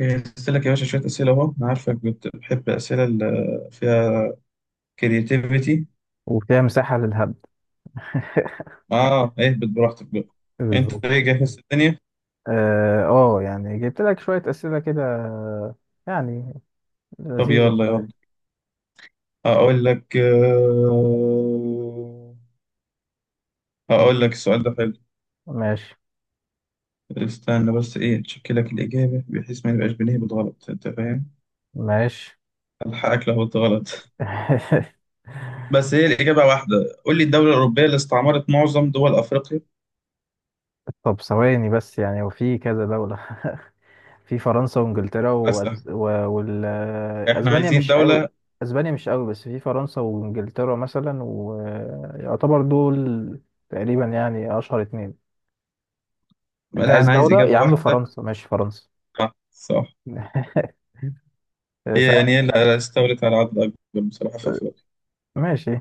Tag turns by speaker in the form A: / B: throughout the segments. A: جهزت لك يا باشا شوية أسئلة أهو، أنا عارفك بتحب الأسئلة اللي فيها كرياتيفيتي.
B: وفيها مساحة للهبد.
A: آه، اهبط براحتك بقى. أنت
B: بالظبط.
A: إيه، جاهز الدنيا؟
B: يعني جبت لك شوية أسئلة كده، يعني
A: طب
B: لذيذة
A: يلا يلا،
B: شوية.
A: هقول لك، هقول
B: دي-
A: لك السؤال ده حلو.
B: ماشي.
A: استنى بس، إيه، أتشيك لك الإجابة بحيث ما نبقاش بنهبط غلط، أنت فاهم؟
B: ماشي.
A: ألحقك لو قلت غلط بس هي الإجابة واحدة. قول لي الدولة الأوروبية اللي استعمرت معظم دول أفريقيا.
B: طب ثواني بس، يعني وفي كذا دولة. في فرنسا وانجلترا،
A: بس
B: وال...
A: إحنا
B: اسبانيا
A: عايزين
B: مش قوي.
A: دولة.
B: اسبانيا مش قوي، بس في فرنسا وانجلترا مثلا، ويعتبر دول تقريبا يعني اشهر اتنين. انت
A: لا،
B: عايز
A: أنا عايز
B: دولة
A: إجابة
B: يا عم،
A: واحدة.
B: فرنسا ماشي فرنسا.
A: صح، هي يعني هي
B: سهل.
A: اللي استولت على عدد أكبر بصراحة في أفريقيا.
B: ماشي.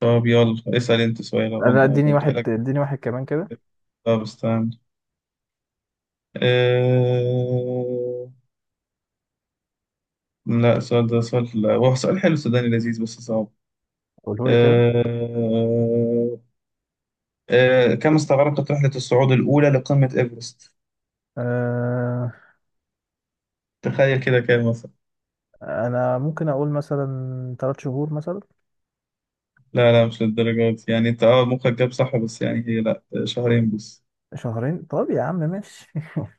A: طب يلا اسأل أنت سؤال
B: انا
A: وأنا
B: اديني
A: ببدأ
B: واحد
A: لك.
B: اديني واحد كمان كده.
A: طب استنى، أه... لا، السؤال ده سؤال، لا هو سؤال حلو سوداني لذيذ بس صعب.
B: قوله لي كده.
A: أه... كم استغرقت رحلة الصعود الأولى لقمة إيفرست؟
B: أه...
A: تخيل كده كام مثلا.
B: انا ممكن اقول مثلا ثلاث شهور مثلا.
A: لا لا، مش للدرجة دي، يعني أنت أه مخك جاب صح، بس يعني هي لا شهرين بس.
B: شهرين طب يا عم ماشي.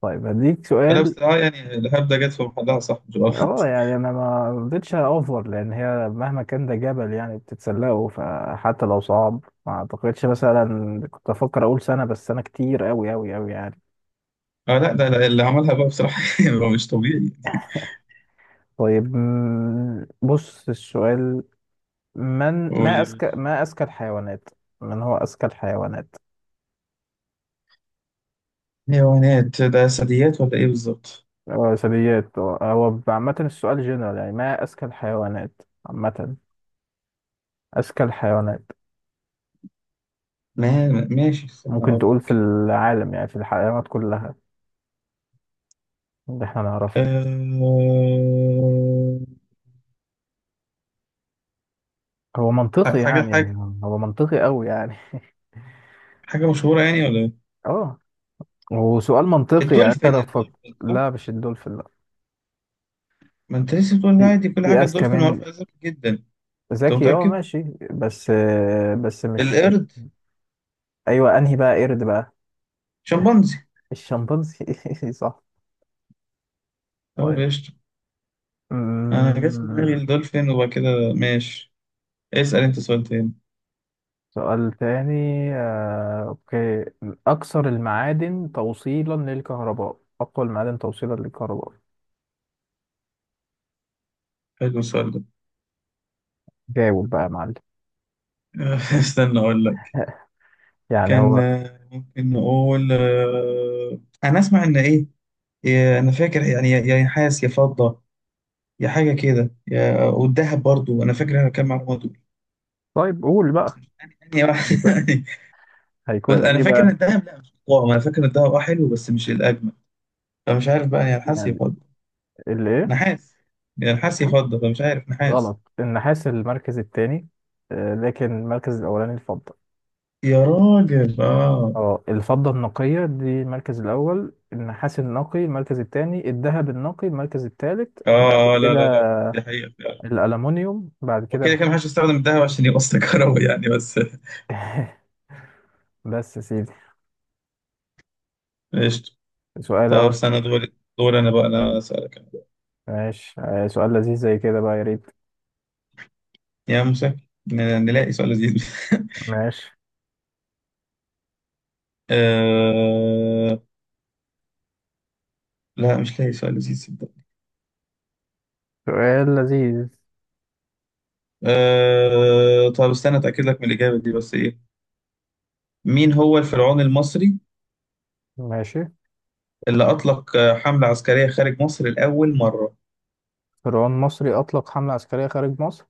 B: طيب هديك
A: لا
B: سؤال.
A: بس أه يعني الهبدة جت في محلها، صح مش
B: اه
A: غلط.
B: يعني انا ما رضيتش اوفر، لان هي مهما كان ده جبل يعني بتتسلقه، فحتى لو صعب ما اعتقدش. مثلا كنت افكر اقول سنة، بس سنة كتير اوي اوي اوي يعني.
A: اه لا، ده ده اللي عملها بقى بصراحة هو مش طبيعي.
B: طيب بص السؤال. من ما
A: قولي.
B: اذكى ما اذكى الحيوانات، من هو اذكى الحيوانات؟
A: حيوانات ده ثدييات ولا ايه بالظبط؟
B: ثدييات، هو عامة السؤال جنرال، يعني ما أذكى الحيوانات عامة. أذكى الحيوانات.
A: ما ماشي، استنى
B: ممكن
A: اقول
B: تقول في
A: لك.
B: العالم، يعني في الحيوانات كلها اللي احنا نعرفها.
A: أه...
B: هو منطقي
A: حاجة حاجة.
B: يعني. هو منطقي أوي يعني.
A: حاجة مشهورة يعني ولا ايه؟
B: اه هو سؤال منطقي، يعني انت
A: الدولفين،
B: لو
A: الدولفين صح؟
B: لا مش الدولفين لا.
A: ما انت لسه بتقول
B: في
A: عادي كل
B: في
A: حاجة،
B: أذكى
A: الدولفين
B: من
A: معروفة أساسا جدا. انت
B: ذكي، اه
A: متأكد؟
B: ماشي، بس آه، بس مش.
A: القرد،
B: أيوه أنهي بقى قرد بقى؟
A: شمبانزي.
B: الشمبانزي. صح.
A: اه بيشط. انا جت في دماغي
B: طيب
A: الدولفين وبعد كده ماشي. اسأل انت سؤال تاني.
B: سؤال تاني، اوكي. اكثر المعادن توصيلا للكهرباء، اقوى المعادن توصيلا للكهرباء.
A: حلو السؤال ده
B: جاوب بقى يا معلم.
A: استنى اقول لك.
B: يعني
A: كان
B: هو،
A: آه، ممكن نقول آه، انا اسمع ان ايه، انا فاكر يعني يا نحاس يا فضة، يا حاجة كده، يا والذهب برضو انا فاكر، انا كام معلومة دول.
B: طيب قول بقى.
A: يعني يعني
B: هيكون
A: واحد-
B: هيكون
A: انا
B: ايه
A: فاكر ان
B: بقى؟
A: الذهب، لا مش طعم، انا فاكر ان الذهب اه حلو بس مش الاجمل، فمش عارف بقى يا نحاس يا
B: يعني
A: فضة.
B: الايه؟
A: نحاس، يا نحاس يا
B: ها؟
A: فضة، فمش عارف، نحاس.
B: غلط، النحاس المركز الثاني، لكن المركز الاولاني الفضه.
A: يا راجل اه.
B: اه الفضه النقيه دي المركز الاول، النحاس النقي المركز الثاني، الذهب النقي المركز الثالث. بعد
A: اه لا
B: كده
A: لا لا، دي حقيقة فعلا.
B: الالومنيوم، بعد كده
A: وكده كده محدش يستخدم الذهب عشان يوصل كهرباء يعني بس
B: بس يا سيدي. سؤال
A: طب
B: اهو
A: استنى
B: لذيذ.
A: دور، دور انا بقى، انا اسالك أنا.
B: ماشي، سؤال لذيذ زي كده بقى يا ريت.
A: يا موسى، نلاقي سؤال لذيذ
B: ماشي.
A: أه... لا مش لاقي سؤال لذيذ صدق.
B: سؤال لذيذ.
A: أه... طب استنى اتاكد لك من الاجابه دي بس ايه. مين هو الفرعون المصري
B: ماشي.
A: اللي اطلق آه، حمله عسكريه خارج مصر لاول مره.
B: فرعون مصري أطلق حملة عسكرية خارج مصر.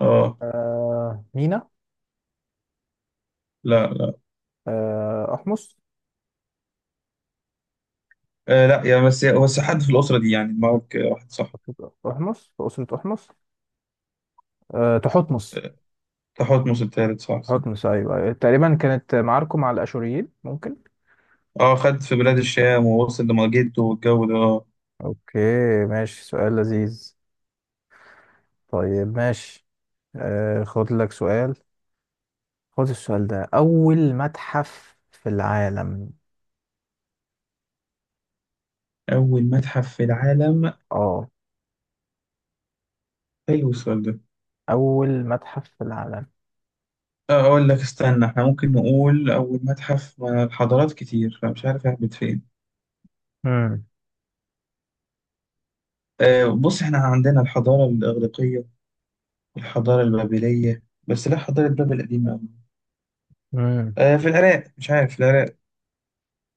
A: اه
B: آه مينا.
A: لا لا.
B: آه أحمس.
A: أه لا يا، بس حد في الاسره دي يعني معك، واحد صح.
B: أسرة أحمس، أسرة أحمس. آه تحتمس.
A: آه، تحتمس الثالث صح صح.
B: تحتمس، أيوه أيوة. تقريبا كانت معاركه مع الأشوريين، ممكن.
A: اه خد في بلاد الشام ووصل لمجده والجو ده اه.
B: أوكي. ماشي، سؤال لذيذ. طيب ماشي. آه خد لك سؤال. خد السؤال ده، أول متحف في العالم.
A: اول متحف في العالم.
B: اه،
A: حلو السؤال ده.
B: أول متحف في العالم.
A: أقول لك استنى، إحنا ممكن نقول أول متحف، ما الحضارات كتير فمش عارف أهبط فين.
B: امم
A: أه بص، إحنا عندنا الحضارة الإغريقية، الحضارة البابلية، بس لا حضارة بابل قديمة أوي.
B: امم.
A: أه في العراق، مش عارف العراق.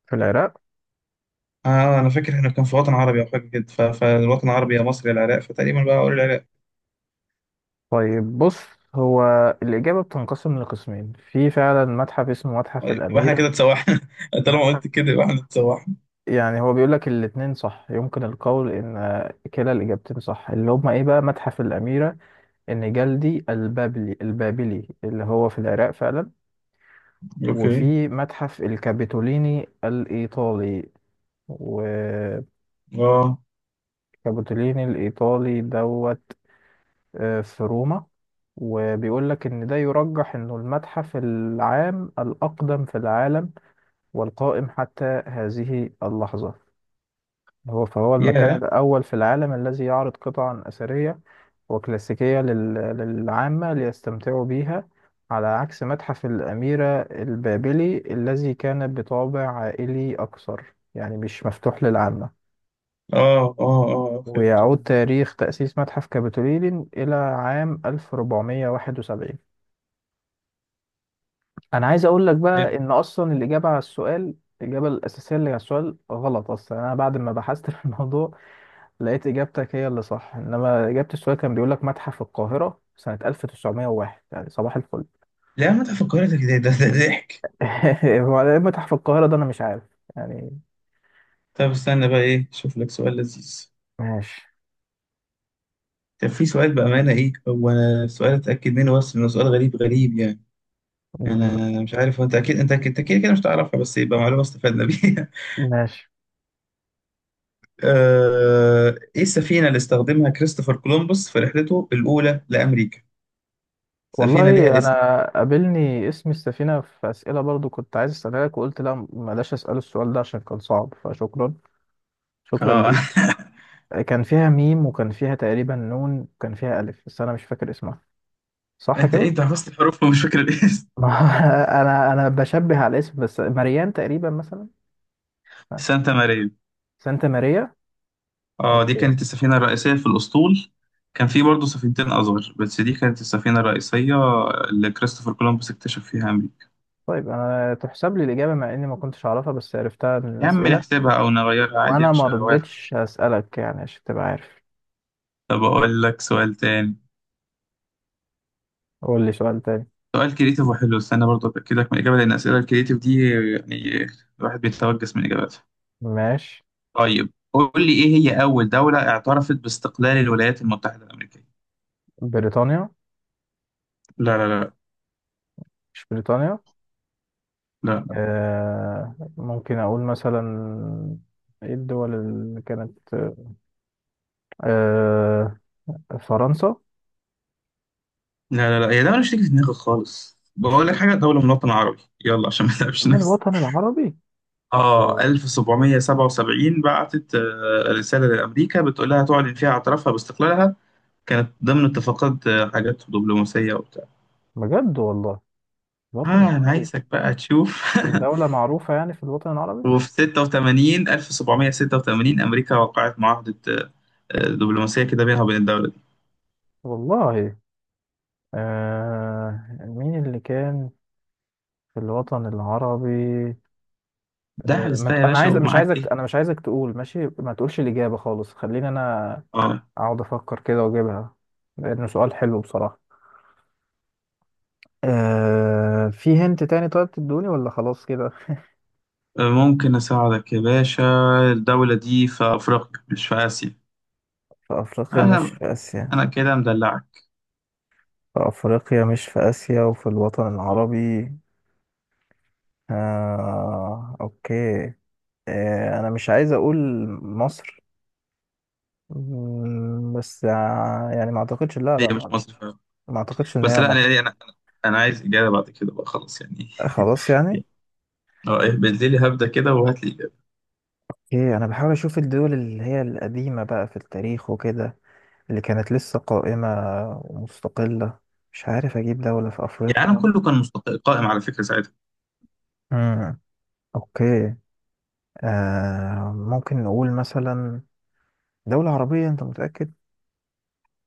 B: في العراق.
A: آه أنا فاكر إحنا كان في وطن عربي أو حاجة كده، فالوطن العربي يا مصر يا العراق، فتقريبا بقى أقول العراق.
B: طيب بص، هو الإجابة بتنقسم لقسمين. في فعلا متحف اسمه متحف
A: طيب، يبقى إحنا
B: الأميرة.
A: كده اتسوحنا طالما قلت
B: متحف،
A: كده يبقى إحنا اتسوحنا.
B: يعني هو بيقول لك الاتنين صح، يمكن القول إن كلا الإجابتين صح. اللي هما إيه بقى؟ متحف الأميرة، إن جلدي البابلي البابلي اللي هو في العراق فعلا،
A: أوكي.
B: وفي متحف الكابيتوليني الإيطالي. وكابيتوليني
A: آه.
B: الإيطالي دوت، في روما. وبيقول لك إن ده يرجح إنه المتحف العام الأقدم في العالم، والقائم حتى هذه اللحظة. هو، فهو المكان
A: ياه.
B: الأول في العالم الذي يعرض قطعا أثرية وكلاسيكية للعامة ليستمتعوا بيها، على عكس متحف الأميرة البابلي الذي كان بطابع عائلي أكثر، يعني مش مفتوح للعامة.
A: آه آه آه فهمت آه.
B: ويعود تاريخ تأسيس متحف كابيتولين إلى عام 1471. انا عايز اقول لك بقى،
A: حلو.
B: ان اصلا الاجابه على السؤال، الاجابه الاساسيه اللي على السؤال غلط اصلا. انا بعد ما بحثت في الموضوع لقيت اجابتك هي اللي صح، انما اجابه السؤال كان بيقول لك متحف القاهره سنه 1901، يعني صباح الفل.
A: لا، متحف القاهرة ده ده ده ده ضحك.
B: هو إيه متحف القاهره ده، انا مش عارف يعني.
A: طب استنى بقى ايه، شوف لك سؤال لذيذ.
B: ماشي.
A: كان في سؤال بأمانة ايه هو، أنا سؤال اتأكد منه بس انه سؤال غريب غريب يعني. انا مش عارف، هو انت اكيد، انت اكيد أنت كده كده مش تعرفها، بس يبقى معلومة استفدنا بيها.
B: ماشي.
A: آه، ايه السفينة اللي استخدمها كريستوفر كولومبوس في رحلته الأولى لأمريكا؟ سفينة
B: والله
A: ليها اسم.
B: انا قابلني اسم السفينه في اسئله برضو، كنت عايز اسالها لك وقلت لا بلاش اسال السؤال ده عشان كان صعب، فشكرا. شكرا
A: اه.
B: ليك. كان فيها ميم، وكان فيها تقريبا نون، وكان فيها ألف، بس أنا مش فاكر اسمها. صح
A: انت ايه،
B: كده؟
A: انت حفظت الحروف ومش فاكر الاسم.
B: ما، أنا بشبه على الاسم، بس مريان تقريبا مثلا.
A: سانتا ماريا.
B: سانتا ماريا.
A: اه دي
B: أوكي.
A: كانت السفينة الرئيسية في الأسطول. كان في برضه سفينتين أصغر، بس دي كانت السفينة الرئيسية اللي كريستوفر كولومبوس اكتشف فيها أمريكا.
B: طيب أنا تحسب لي الإجابة، مع إني ما كنتش أعرفها بس عرفتها من
A: يا عم
B: الأسئلة.
A: نحسبها أو نغيرها عادي يا
B: وأنا ما
A: باشا، واحد.
B: رضيتش أسألك يعني، عشان تبقى عارف.
A: طب أقول لك سؤال تاني.
B: قول لي سؤال تاني.
A: سؤال كريتيف وحلو، استنى برضه أتأكدك من الإجابة، لأن الأسئلة الكريتيف دي يعني الواحد بيتوجس من إجاباتها.
B: ماشي.
A: طيب قول لي، إيه هي أول دولة اعترفت باستقلال الولايات المتحدة الأمريكية؟
B: بريطانيا.
A: لا لا لا.
B: مش بريطانيا؟
A: لا.
B: آه ممكن أقول مثلا، إيه الدول اللي كانت، آه فرنسا.
A: لا لا لا، هي دولة مش تيجي في دماغي خالص، بقول لك
B: 20.
A: حاجة، دولة من الوطن العربي، يلا عشان ما نتعبش
B: من
A: نفسك.
B: الوطن العربي؟
A: اه 1777 بعتت آه، رسالة لأمريكا بتقول لها تعلن فيها اعترافها باستقلالها. كانت ضمن اتفاقات آه، حاجات دبلوماسية وبتاع.
B: بجد والله. الوطن
A: اه أنا
B: العربي.
A: عايزك بقى تشوف
B: ودولة معروفة يعني في الوطن العربي.
A: وفي 86 1786 أمريكا وقعت معاهدة دبلوماسية كده بينها وبين الدولة دي.
B: والله. آه مين اللي كان في الوطن العربي. آه
A: دعبس
B: ما
A: بقى
B: ت...
A: يا
B: أنا
A: باشا
B: عايز، مش
A: ومعاك
B: عايزك،
A: إيه.
B: أنا مش عايزك تقول ماشي، ما تقولش الإجابة خالص، خليني أنا
A: اه
B: أقعد أفكر كده وأجيبها، لأنه سؤال حلو بصراحة. آه، في هنت تاني؟ طيب تدوني ولا خلاص كده؟
A: آه، ممكن أساعدك يا باشا، الدولة دي في أفريقيا مش في آسيا.
B: في أفريقيا مش
A: أنا
B: في آسيا.
A: أنا كده مدلعك.
B: في أفريقيا مش في آسيا وفي الوطن
A: آه،
B: العربي. أوكي. أنا مش عايز أقول مصر. مم، بس آه، يعني ما أعتقدش، لا
A: هي
B: لا،
A: مش
B: ما،
A: مصر.
B: ما أعتقدش إن
A: بس
B: هي
A: لا انا
B: مصر.
A: انا انا أنا عايز اجابه بعد كده بقى خلاص يعني.
B: خلاص يعني.
A: اه إيه، بالليل هبدا كده وهات لي اجابه.
B: أوكي، أنا بحاول أشوف الدول اللي هي القديمة بقى في التاريخ وكده، اللي كانت لسه قائمة ومستقلة. مش عارف أجيب دولة في
A: يعني العالم
B: أفريقيا.
A: كله كان قائم على فكره ساعتها.
B: مم. أوكي. ممكن نقول مثلا دولة عربية، أنت متأكد؟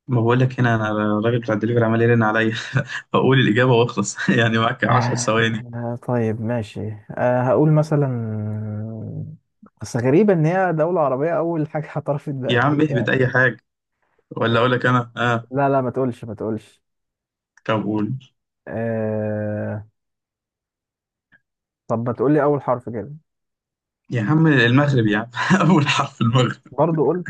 A: ما بقول لك هنا انا، الراجل بتاع الدليفري عمال يرن عليا اقول الاجابه واخلص يعني معاك 10 ثواني.
B: طيب ماشي. أه هقول مثلا. بس غريبة إن هي دولة عربية أول حاجة اعترفت
A: يا عم
B: بأمريكا
A: اهبط
B: يعني.
A: اي حاجه، ولا اقول لك انا اه.
B: لا لا، ما تقولش ما تقولش.
A: طب قول.
B: أه... طب ما تقولي أول حرف كده.
A: يا عم المغرب يا عم اول حرف المغرب.
B: برضو قول